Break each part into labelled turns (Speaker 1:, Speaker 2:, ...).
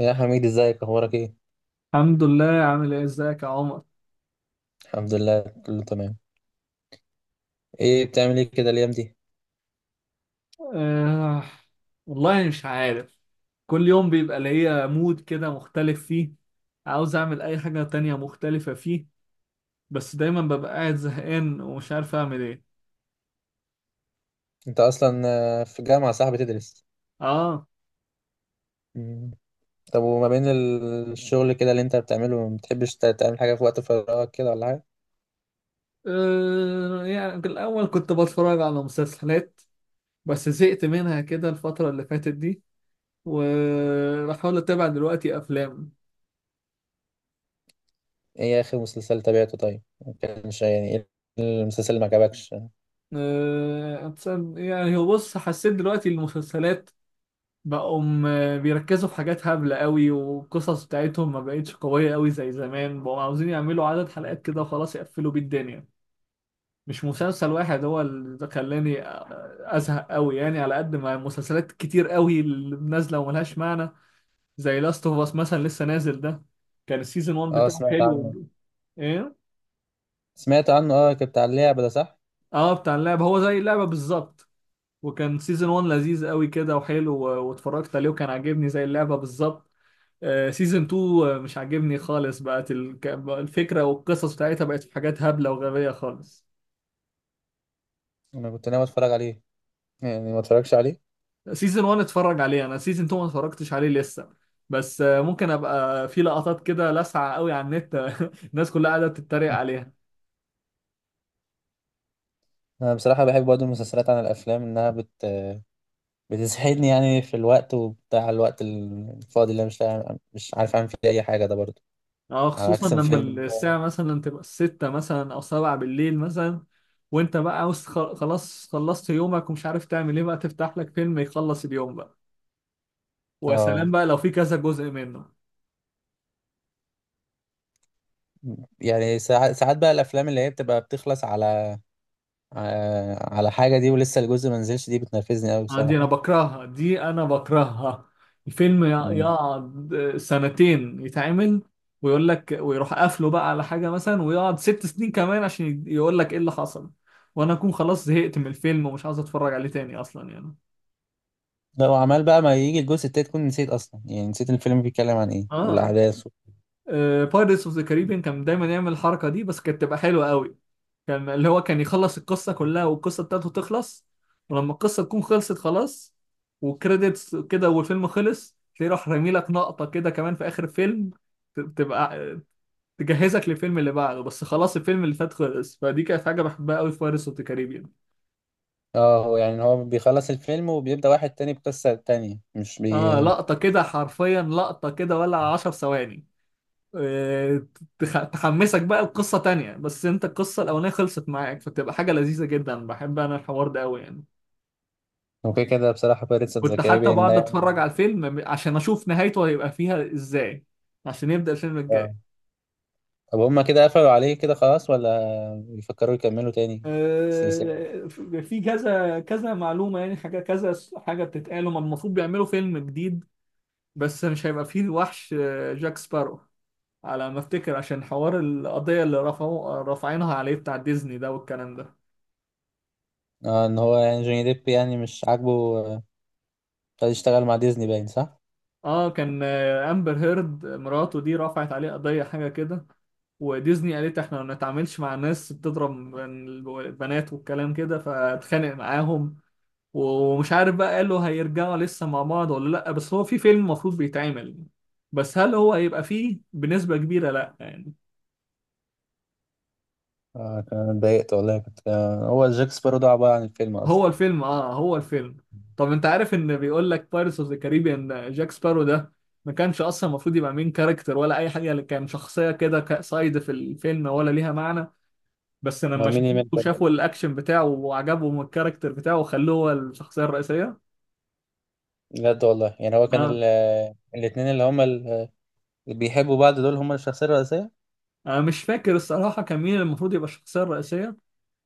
Speaker 1: يا حميد، ازيك؟ اخبارك ايه؟
Speaker 2: الحمد لله. عامل ايه؟ ازيك يا عمر؟
Speaker 1: الحمد لله، كله تمام. ايه بتعمل ايه كده الايام دي؟
Speaker 2: آه والله مش عارف. كل يوم بيبقى ليا مود كده مختلف فيه، عاوز اعمل اي حاجة تانية مختلفة فيه، بس دايما ببقى قاعد زهقان ومش عارف اعمل ايه.
Speaker 1: انت اصلا في الجامعه صح بتدرس؟
Speaker 2: اه.
Speaker 1: مم. طب وما بين الشغل كده اللي انت بتعمله، ما بتحبش تعمل حاجه في وقت فراغك كده ولا حاجه؟
Speaker 2: يعني في الاول كنت بتفرج على مسلسلات، بس زهقت منها كده الفترة اللي فاتت دي، وبحاول اتابع دلوقتي افلام.
Speaker 1: ايه اخر مسلسل تابعته؟ طيب، ما كانش يعني ايه المسلسل اللي ما عجبكش؟
Speaker 2: آه يعني هو بص، حسيت دلوقتي المسلسلات بقوا بيركزوا في حاجات هبلة قوي، والقصص بتاعتهم ما بقتش قوية قوي زي زمان، بقوا عاوزين يعملوا عدد حلقات كده وخلاص يقفلوا بيه الدنيا. مش مسلسل واحد هو اللي ده خلاني أزهق قوي، يعني على قد ما مسلسلات كتير قوي اللي نازلة وملهاش معنى. زي لاست اوف اس مثلا لسه نازل ده، كان السيزون 1
Speaker 1: اه
Speaker 2: بتاعه
Speaker 1: سمعت عنه،
Speaker 2: حلو. ايه؟
Speaker 1: سمعت عنه، اه كنت على اللعبه ده صح.
Speaker 2: اه، بتاع اللعبة هو، زي اللعبة بالظبط. وكان سيزون 1 لذيذ قوي كده وحلو واتفرجت عليه وكان عاجبني زي اللعبة بالظبط. سيزون 2 مش عاجبني خالص، بقت بقى الفكرة والقصص بتاعتها بقت في حاجات هبلة وغبية خالص.
Speaker 1: انا كنت ناوي اتفرج عليه، يعني ما اتفرجش عليه.
Speaker 2: سيزون 1 اتفرج عليه انا، سيزون 2 ما اتفرجتش عليه لسه، بس ممكن ابقى في لقطات كده لاسعة قوي على النت. الناس كلها قاعدة بتتريق عليها.
Speaker 1: انا بصراحه بحب برضه المسلسلات عن الافلام، انها بت، بتسعدني يعني في الوقت وبتاع، الوقت الفاضي اللي أنا مش عارف اعمل فيه اي حاجه ده برضو،
Speaker 2: اه،
Speaker 1: على
Speaker 2: خصوصا
Speaker 1: عكس
Speaker 2: لما
Speaker 1: الفيلم.
Speaker 2: الساعة مثلا تبقى الستة مثلا او سبعة بالليل مثلا، وانت بقى عاوز خلاص خلصت يومك ومش عارف تعمل ايه، بقى تفتح لك فيلم يخلص اليوم بقى. وسلام
Speaker 1: اه
Speaker 2: بقى لو في كذا جزء منه.
Speaker 1: يعني ساعات بقى الافلام اللي هي بتبقى بتخلص على، على حاجه دي ولسه الجزء ما نزلش، دي بتنرفزني قوي
Speaker 2: دي انا
Speaker 1: بصراحه.
Speaker 2: بكرهها، دي انا بكرهها. الفيلم
Speaker 1: مم.
Speaker 2: يقعد سنتين يتعمل، ويقول لك ويروح قافله بقى على حاجة مثلا، ويقعد ست سنين كمان عشان يقول لك ايه اللي حصل، وانا اكون خلاص زهقت من الفيلم ومش عاوز اتفرج عليه تاني اصلا يعني.
Speaker 1: لو عمال بقى ما يجي الجزء التاني تكون نسيت اصلا، يعني نسيت الفيلم بيتكلم عن ايه
Speaker 2: اه،
Speaker 1: والاحداث
Speaker 2: بايرتس اوف ذا كاريبيان كان دايما يعمل الحركه دي، بس كانت تبقى حلوه قوي. كان اللي هو كان يخلص القصه كلها والقصه بتاعته تخلص، ولما القصه تكون خلصت خلاص وكريدتس كده والفيلم خلص، تلاقيه راح رامي لك نقطه كده كمان في اخر الفيلم، تبقى تجهزك للفيلم اللي بعده، بس خلاص الفيلم اللي فات خلص. فدي كانت حاجه بحبها قوي في بايرتس اوف ذا كاريبيان.
Speaker 1: اه. هو يعني هو بيخلص الفيلم وبيبدأ واحد تاني بقصة تانية مش
Speaker 2: اه،
Speaker 1: بي.
Speaker 2: لقطه كده حرفيا، لقطه كده ولا 10 ثواني، آه، تحمسك بقى القصة تانية، بس انت القصة الأولانية خلصت معاك، فتبقى حاجة لذيذة جدا. بحب أنا الحوار ده أوي يعني.
Speaker 1: هو كده كده بصراحة بيرتس اوف ذا
Speaker 2: كنت حتى
Speaker 1: كاريبيان ده
Speaker 2: بقعد
Speaker 1: يعني.
Speaker 2: أتفرج على الفيلم عشان أشوف نهايته هيبقى فيها إزاي، عشان يبدأ الفيلم
Speaker 1: آه.
Speaker 2: الجاي.
Speaker 1: طب هما كده قفلوا عليه كده خلاص، ولا بيفكروا يكملوا تاني السلسلة؟
Speaker 2: آه، في كذا كذا معلومة، يعني حاجة كذا حاجة بتتقال، هما المفروض بيعملوا فيلم جديد، بس مش هيبقى فيه وحش جاك سبارو، على ما افتكر، عشان حوار القضية اللي رفعوا رافعينها عليه بتاع ديزني ده والكلام ده.
Speaker 1: اه، ان هو يعني جوني ديب يعني مش عاجبه، خد يشتغل مع ديزني، باين صح؟
Speaker 2: اه، كان امبر هيرد مراته دي رفعت عليه قضية حاجة كده، وديزني قالت احنا ما نتعاملش مع ناس بتضرب البنات والكلام كده، فاتخانق معاهم. ومش عارف بقى، قالوا هيرجعوا لسه مع بعض ولا لا، بس هو في فيلم المفروض بيتعمل، بس هل هو هيبقى فيه بنسبة كبيرة؟ لا يعني.
Speaker 1: اه، كان اتضايقت والله. كنت هو جاك سبارو ده عبارة عن الفيلم اصلا.
Speaker 2: هو الفيلم، اه هو الفيلم. طب انت عارف ان بيقول لك بايرتس اوف ذا كاريبيان جاك سبارو ده ما كانش اصلا المفروض يبقى مين كاركتر ولا اي حاجه، اللي كان شخصيه كده سايد في الفيلم ولا ليها معنى، بس
Speaker 1: امال
Speaker 2: لما
Speaker 1: مين اللي
Speaker 2: شافوه
Speaker 1: مات برضه؟
Speaker 2: وشافوا الاكشن بتاعه وعجبهم الكاركتر بتاعه وخلوه هو الشخصيه الرئيسيه.
Speaker 1: بجد والله، يعني هو كان ال...
Speaker 2: اه،
Speaker 1: آه، الاتنين اللي هما اللي بيحبوا بعض دول هما الشخصية الرئيسية.
Speaker 2: انا مش فاكر الصراحه كان مين المفروض يبقى الشخصيه الرئيسيه،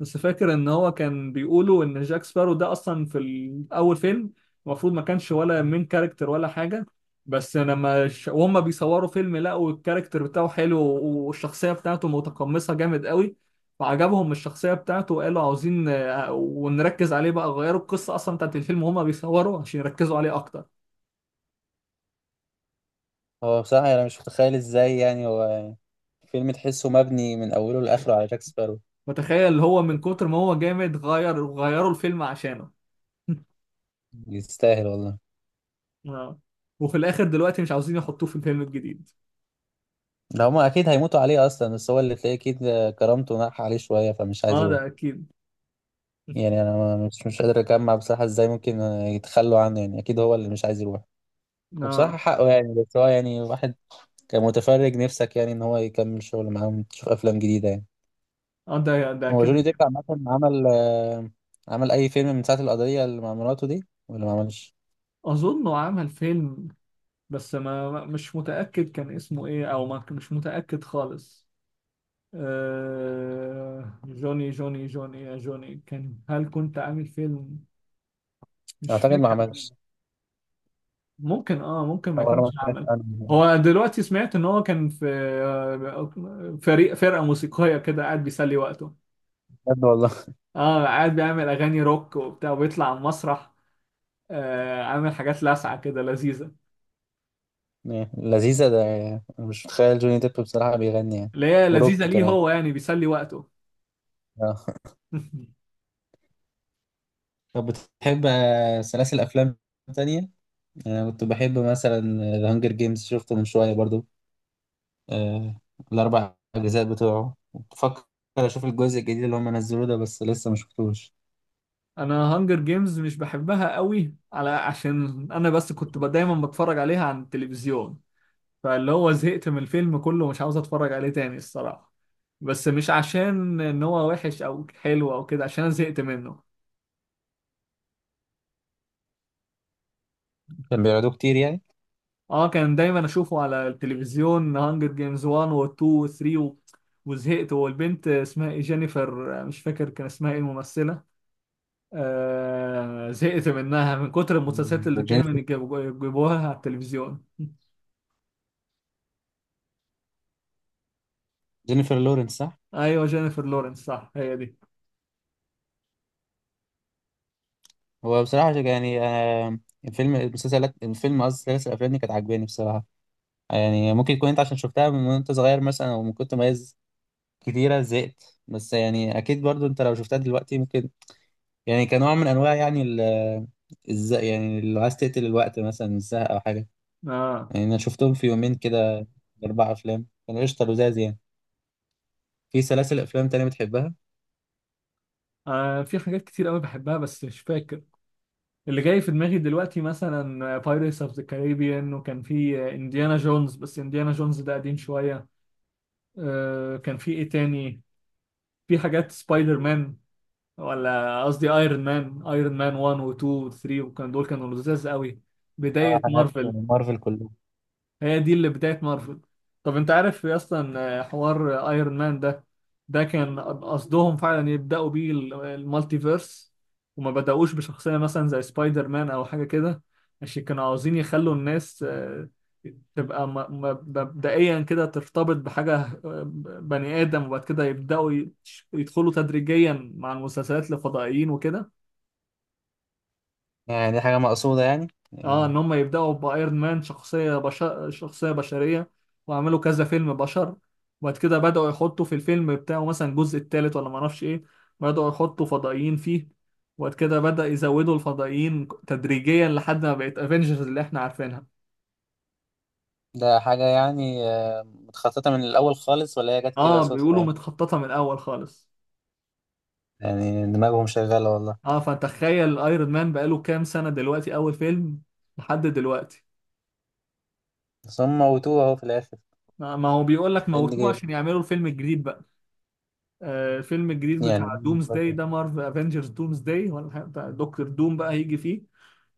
Speaker 2: بس فاكر ان هو كان بيقولوا ان جاك سبارو ده اصلا في الاول فيلم المفروض ما كانش ولا مين كاركتر ولا حاجه، بس لما وهم بيصوروا فيلم لقوا الكاركتر بتاعه حلو، والشخصيه بتاعته متقمصه جامد قوي، فعجبهم الشخصيه بتاعته وقالوا عاوزين ونركز عليه بقى، غيروا القصه اصلا بتاعت الفيلم وهم بيصوروا عشان يركزوا عليه اكتر.
Speaker 1: هو بصراحة انا مش متخيل ازاي، يعني هو فيلم تحسه مبني من اوله لاخره على جاك سبارو.
Speaker 2: فتخيل هو من كتر ما هو جامد، غير غيروا الفيلم عشانه.
Speaker 1: يستاهل والله.
Speaker 2: اه، وفي الاخر دلوقتي مش عاوزين يحطوه في الفيلم الجديد.
Speaker 1: ده هما اكيد هيموتوا عليه اصلا، بس هو اللي تلاقيه اكيد كرامته ناح عليه شويه فمش عايز
Speaker 2: اه
Speaker 1: يروح.
Speaker 2: ده اكيد.
Speaker 1: يعني انا مش قادر اجمع بصراحه ازاي ممكن يتخلوا عنه، يعني اكيد هو اللي مش عايز يروح. وبصراحه
Speaker 2: اه.
Speaker 1: حقه، يعني بس هو يعني واحد كمتفرج نفسك يعني ان هو يكمل شغل معاهم تشوف افلام جديده يعني.
Speaker 2: اه، ده ده
Speaker 1: هو
Speaker 2: كده
Speaker 1: جوني ديب
Speaker 2: كده.
Speaker 1: عامه عمل، عمل اي فيلم من ساعه القضيه اللي مع مراته دي ولا ما عملش؟
Speaker 2: اظنه عمل فيلم، بس مش متاكد كان اسمه ايه، او ما مش متاكد خالص. جوني، جوني يا جوني، كان هل كنت عامل فيلم؟ مش
Speaker 1: اعتقد ما
Speaker 2: فاكر.
Speaker 1: عملش،
Speaker 2: ممكن، اه ممكن ما
Speaker 1: او انا
Speaker 2: يكونش
Speaker 1: ما سمعتش
Speaker 2: عمل.
Speaker 1: عنه.
Speaker 2: هو دلوقتي سمعت ان هو كان في فرقه موسيقيه كده، قاعد بيسلي وقته.
Speaker 1: بجد والله؟
Speaker 2: اه، قاعد بيعمل اغاني روك وبتاع، وبيطلع على المسرح، آه عامل حاجات لاسعه كده لذيذه.
Speaker 1: لذيذه ده يعني. أنا مش متخيل جوني ديب بصراحه بيغني يعني.
Speaker 2: اللي هي لذيذه
Speaker 1: وروك
Speaker 2: ليه؟
Speaker 1: كمان.
Speaker 2: هو يعني بيسلي وقته.
Speaker 1: آه. طب بتحب سلاسل أفلام تانية؟ يعني أنا كنت بحب مثلا ذا هانجر جيمز، شفته من شوية برضو. آه، الأربع أجزاء بتوعه، بفكر أشوف الجزء الجديد اللي هم نزلوه ده، بس لسه ما شفتوش.
Speaker 2: انا هانجر جيمز مش بحبها قوي، على عشان انا بس كنت دايما بتفرج عليها عن التلفزيون، فاللي هو زهقت من الفيلم كله، مش عاوز اتفرج عليه تاني الصراحه. بس مش عشان ان هو وحش او حلو او كده، عشان انا زهقت منه.
Speaker 1: كان بيعرضوه كتير يعني.
Speaker 2: اه، كان دايما اشوفه على التلفزيون هانجر جيمز 1 و 2 و 3 و... وزهقت. والبنت اسمها ايه؟ جينيفر، مش فاكر كان اسمها ايه الممثلة. آه، زهقت منها من كتر المسلسلات
Speaker 1: مم،
Speaker 2: اللي دايما
Speaker 1: جينيفر،
Speaker 2: يجيبوها على التلفزيون.
Speaker 1: جينيفر لورنس صح؟
Speaker 2: ايوه جينيفر لورنس، صح، هي دي.
Speaker 1: هو بصراحة يعني، الفيلم المسلسلات الفيلم، قصدي سلاسل الأفلام دي كانت عاجباني بصراحة. يعني ممكن يكون أنت عشان شفتها من وأنت صغير مثلا، أو من كنت مميز كتيرة زهقت، بس يعني أكيد برضو أنت لو شفتها دلوقتي ممكن، يعني كنوع من انواع يعني ال، ازاي يعني لو عايز تقتل الوقت مثلا الزهق او حاجه.
Speaker 2: اه.
Speaker 1: يعني انا شفتهم في يومين كده، اربع افلام، كانوا قشطه لزاز يعني. في سلاسل افلام تانية بتحبها؟
Speaker 2: آه، في حاجات كتير قوي بحبها بس مش فاكر. اللي جاي في دماغي دلوقتي مثلا بايرتس اوف ذا كاريبيان، وكان في انديانا جونز، بس انديانا جونز ده قديم شوية. آه، كان في ايه تاني؟ في حاجات سبايدر مان، ولا قصدي ايرون مان. ايرون مان 1 و 2 و 3، وكان دول كانوا لذاذ قوي،
Speaker 1: اه
Speaker 2: بداية
Speaker 1: حاجات
Speaker 2: مارفل.
Speaker 1: مارفل كلها.
Speaker 2: هي دي اللي بداية مارفل. طب انت عارف اصلا حوار ايرون مان ده، ده كان قصدهم فعلا يبدأوا بيه المالتيفيرس، وما بدأوش بشخصية مثلا زي سبايدر مان او حاجة كده، عشان كانوا عاوزين يخلوا الناس تبقى مبدئيا كده ترتبط بحاجة آه، بني آدم، وبعد كده يبدأوا يدخلوا تدريجيا مع المسلسلات الفضائيين وكده.
Speaker 1: يعني دي حاجه مقصوده يعني؟
Speaker 2: اه،
Speaker 1: يعني
Speaker 2: ان هم يبداوا بايرون مان شخصيه بشر، شخصيه بشريه، وعملوا كذا فيلم بشر، وبعد كده بداوا يحطوا في الفيلم بتاعه مثلا الجزء الثالث ولا ما اعرفش ايه، بداوا يحطوا فضائيين فيه، وبعد كده بدا يزودوا الفضائيين تدريجيا لحد ما بقت افنجرز اللي احنا عارفينها.
Speaker 1: ده حاجه يعني، متخططه من الاول خالص، ولا هي جت كده
Speaker 2: اه،
Speaker 1: صدفه
Speaker 2: بيقولوا
Speaker 1: يعني؟
Speaker 2: متخططه من الاول خالص.
Speaker 1: يعني دماغهم شغاله والله.
Speaker 2: اه، فتخيل ايرون مان بقاله كام سنه دلوقتي اول فيلم لحد دلوقتي.
Speaker 1: بس هم موتوه اهو في الاخر،
Speaker 2: ما ما هو بيقول لك
Speaker 1: اند
Speaker 2: موتوه
Speaker 1: جيم.
Speaker 2: عشان يعملوا الفيلم الجديد بقى. الفيلم الجديد
Speaker 1: يعني
Speaker 2: بتاع دومز داي ده، مارفل افنجرز دومز داي ولا حاجة، بتاع دكتور دوم بقى هيجي فيه.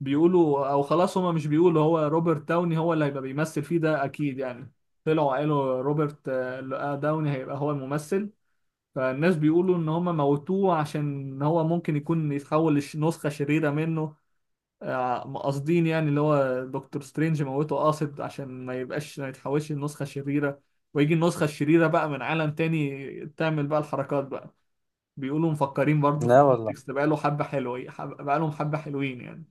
Speaker 2: بيقولوا او خلاص، هما مش بيقولوا هو روبرت داوني هو اللي هيبقى بيمثل فيه، ده اكيد يعني، طلعوا قالوا روبرت داوني هيبقى هو الممثل. فالناس بيقولوا ان هما موتوه عشان هو ممكن يكون يتحول لنسخة شريرة منه، قاصدين يعني، اللي هو دكتور سترينج موته قاصد عشان ما يبقاش، ما يتحولش لنسخة شريرة، ويجي النسخة الشريرة بقى من عالم تاني تعمل بقى الحركات بقى. بيقولوا مفكرين برضه في
Speaker 1: لا والله،
Speaker 2: الكونتكست بقاله حبة حلوين، بقالهم حبة حلوين يعني.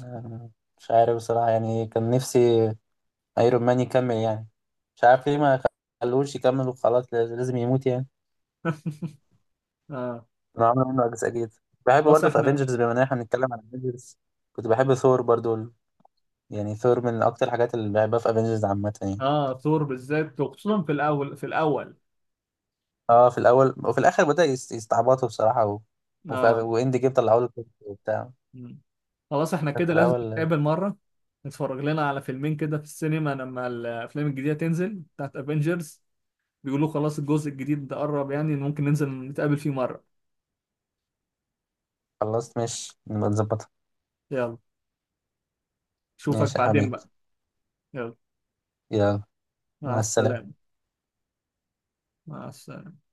Speaker 1: آه، مش عارف بصراحه يعني. كان نفسي ايرون مان يكمل يعني. مش عارف ليه ما خلوش يكمل وخلاص، لازم يموت يعني.
Speaker 2: اه.
Speaker 1: انا عامل منه اجزاء جديده. بحب
Speaker 2: خلاص
Speaker 1: برضه في
Speaker 2: احنا.
Speaker 1: افنجرز، بما ان احنا بنتكلم عن افنجرز، كنت بحب ثور برضه. يعني ثور من اكتر الحاجات اللي بحبها في افنجرز عامه يعني.
Speaker 2: اه، ثور بالذات، وخصوصا في الاول، في الاول.
Speaker 1: اه في الاول، وفي الاخر بدأ يستعبطوا بصراحه و، وفي
Speaker 2: اه.
Speaker 1: واند جيم طلعوا له كده وبتاع.
Speaker 2: مم. خلاص احنا
Speaker 1: في
Speaker 2: كده لازم
Speaker 1: الاول.
Speaker 2: نتقابل مرة، نتفرج لنا على فيلمين كده في السينما لما الافلام الجديدة تنزل بتاعت افنجرز. بيقولوا خلاص الجزء الجديد ده قرب، يعني ممكن ننزل نتقابل فيه مرة.
Speaker 1: خلصت، ماشي، نبقى نظبطها.
Speaker 2: يلا، اشوفك
Speaker 1: ماشي يا
Speaker 2: بعدين
Speaker 1: حميد،
Speaker 2: بقى. يلا،
Speaker 1: يلا.
Speaker 2: مع
Speaker 1: مع السلامه.
Speaker 2: السلامة. مع السلامة.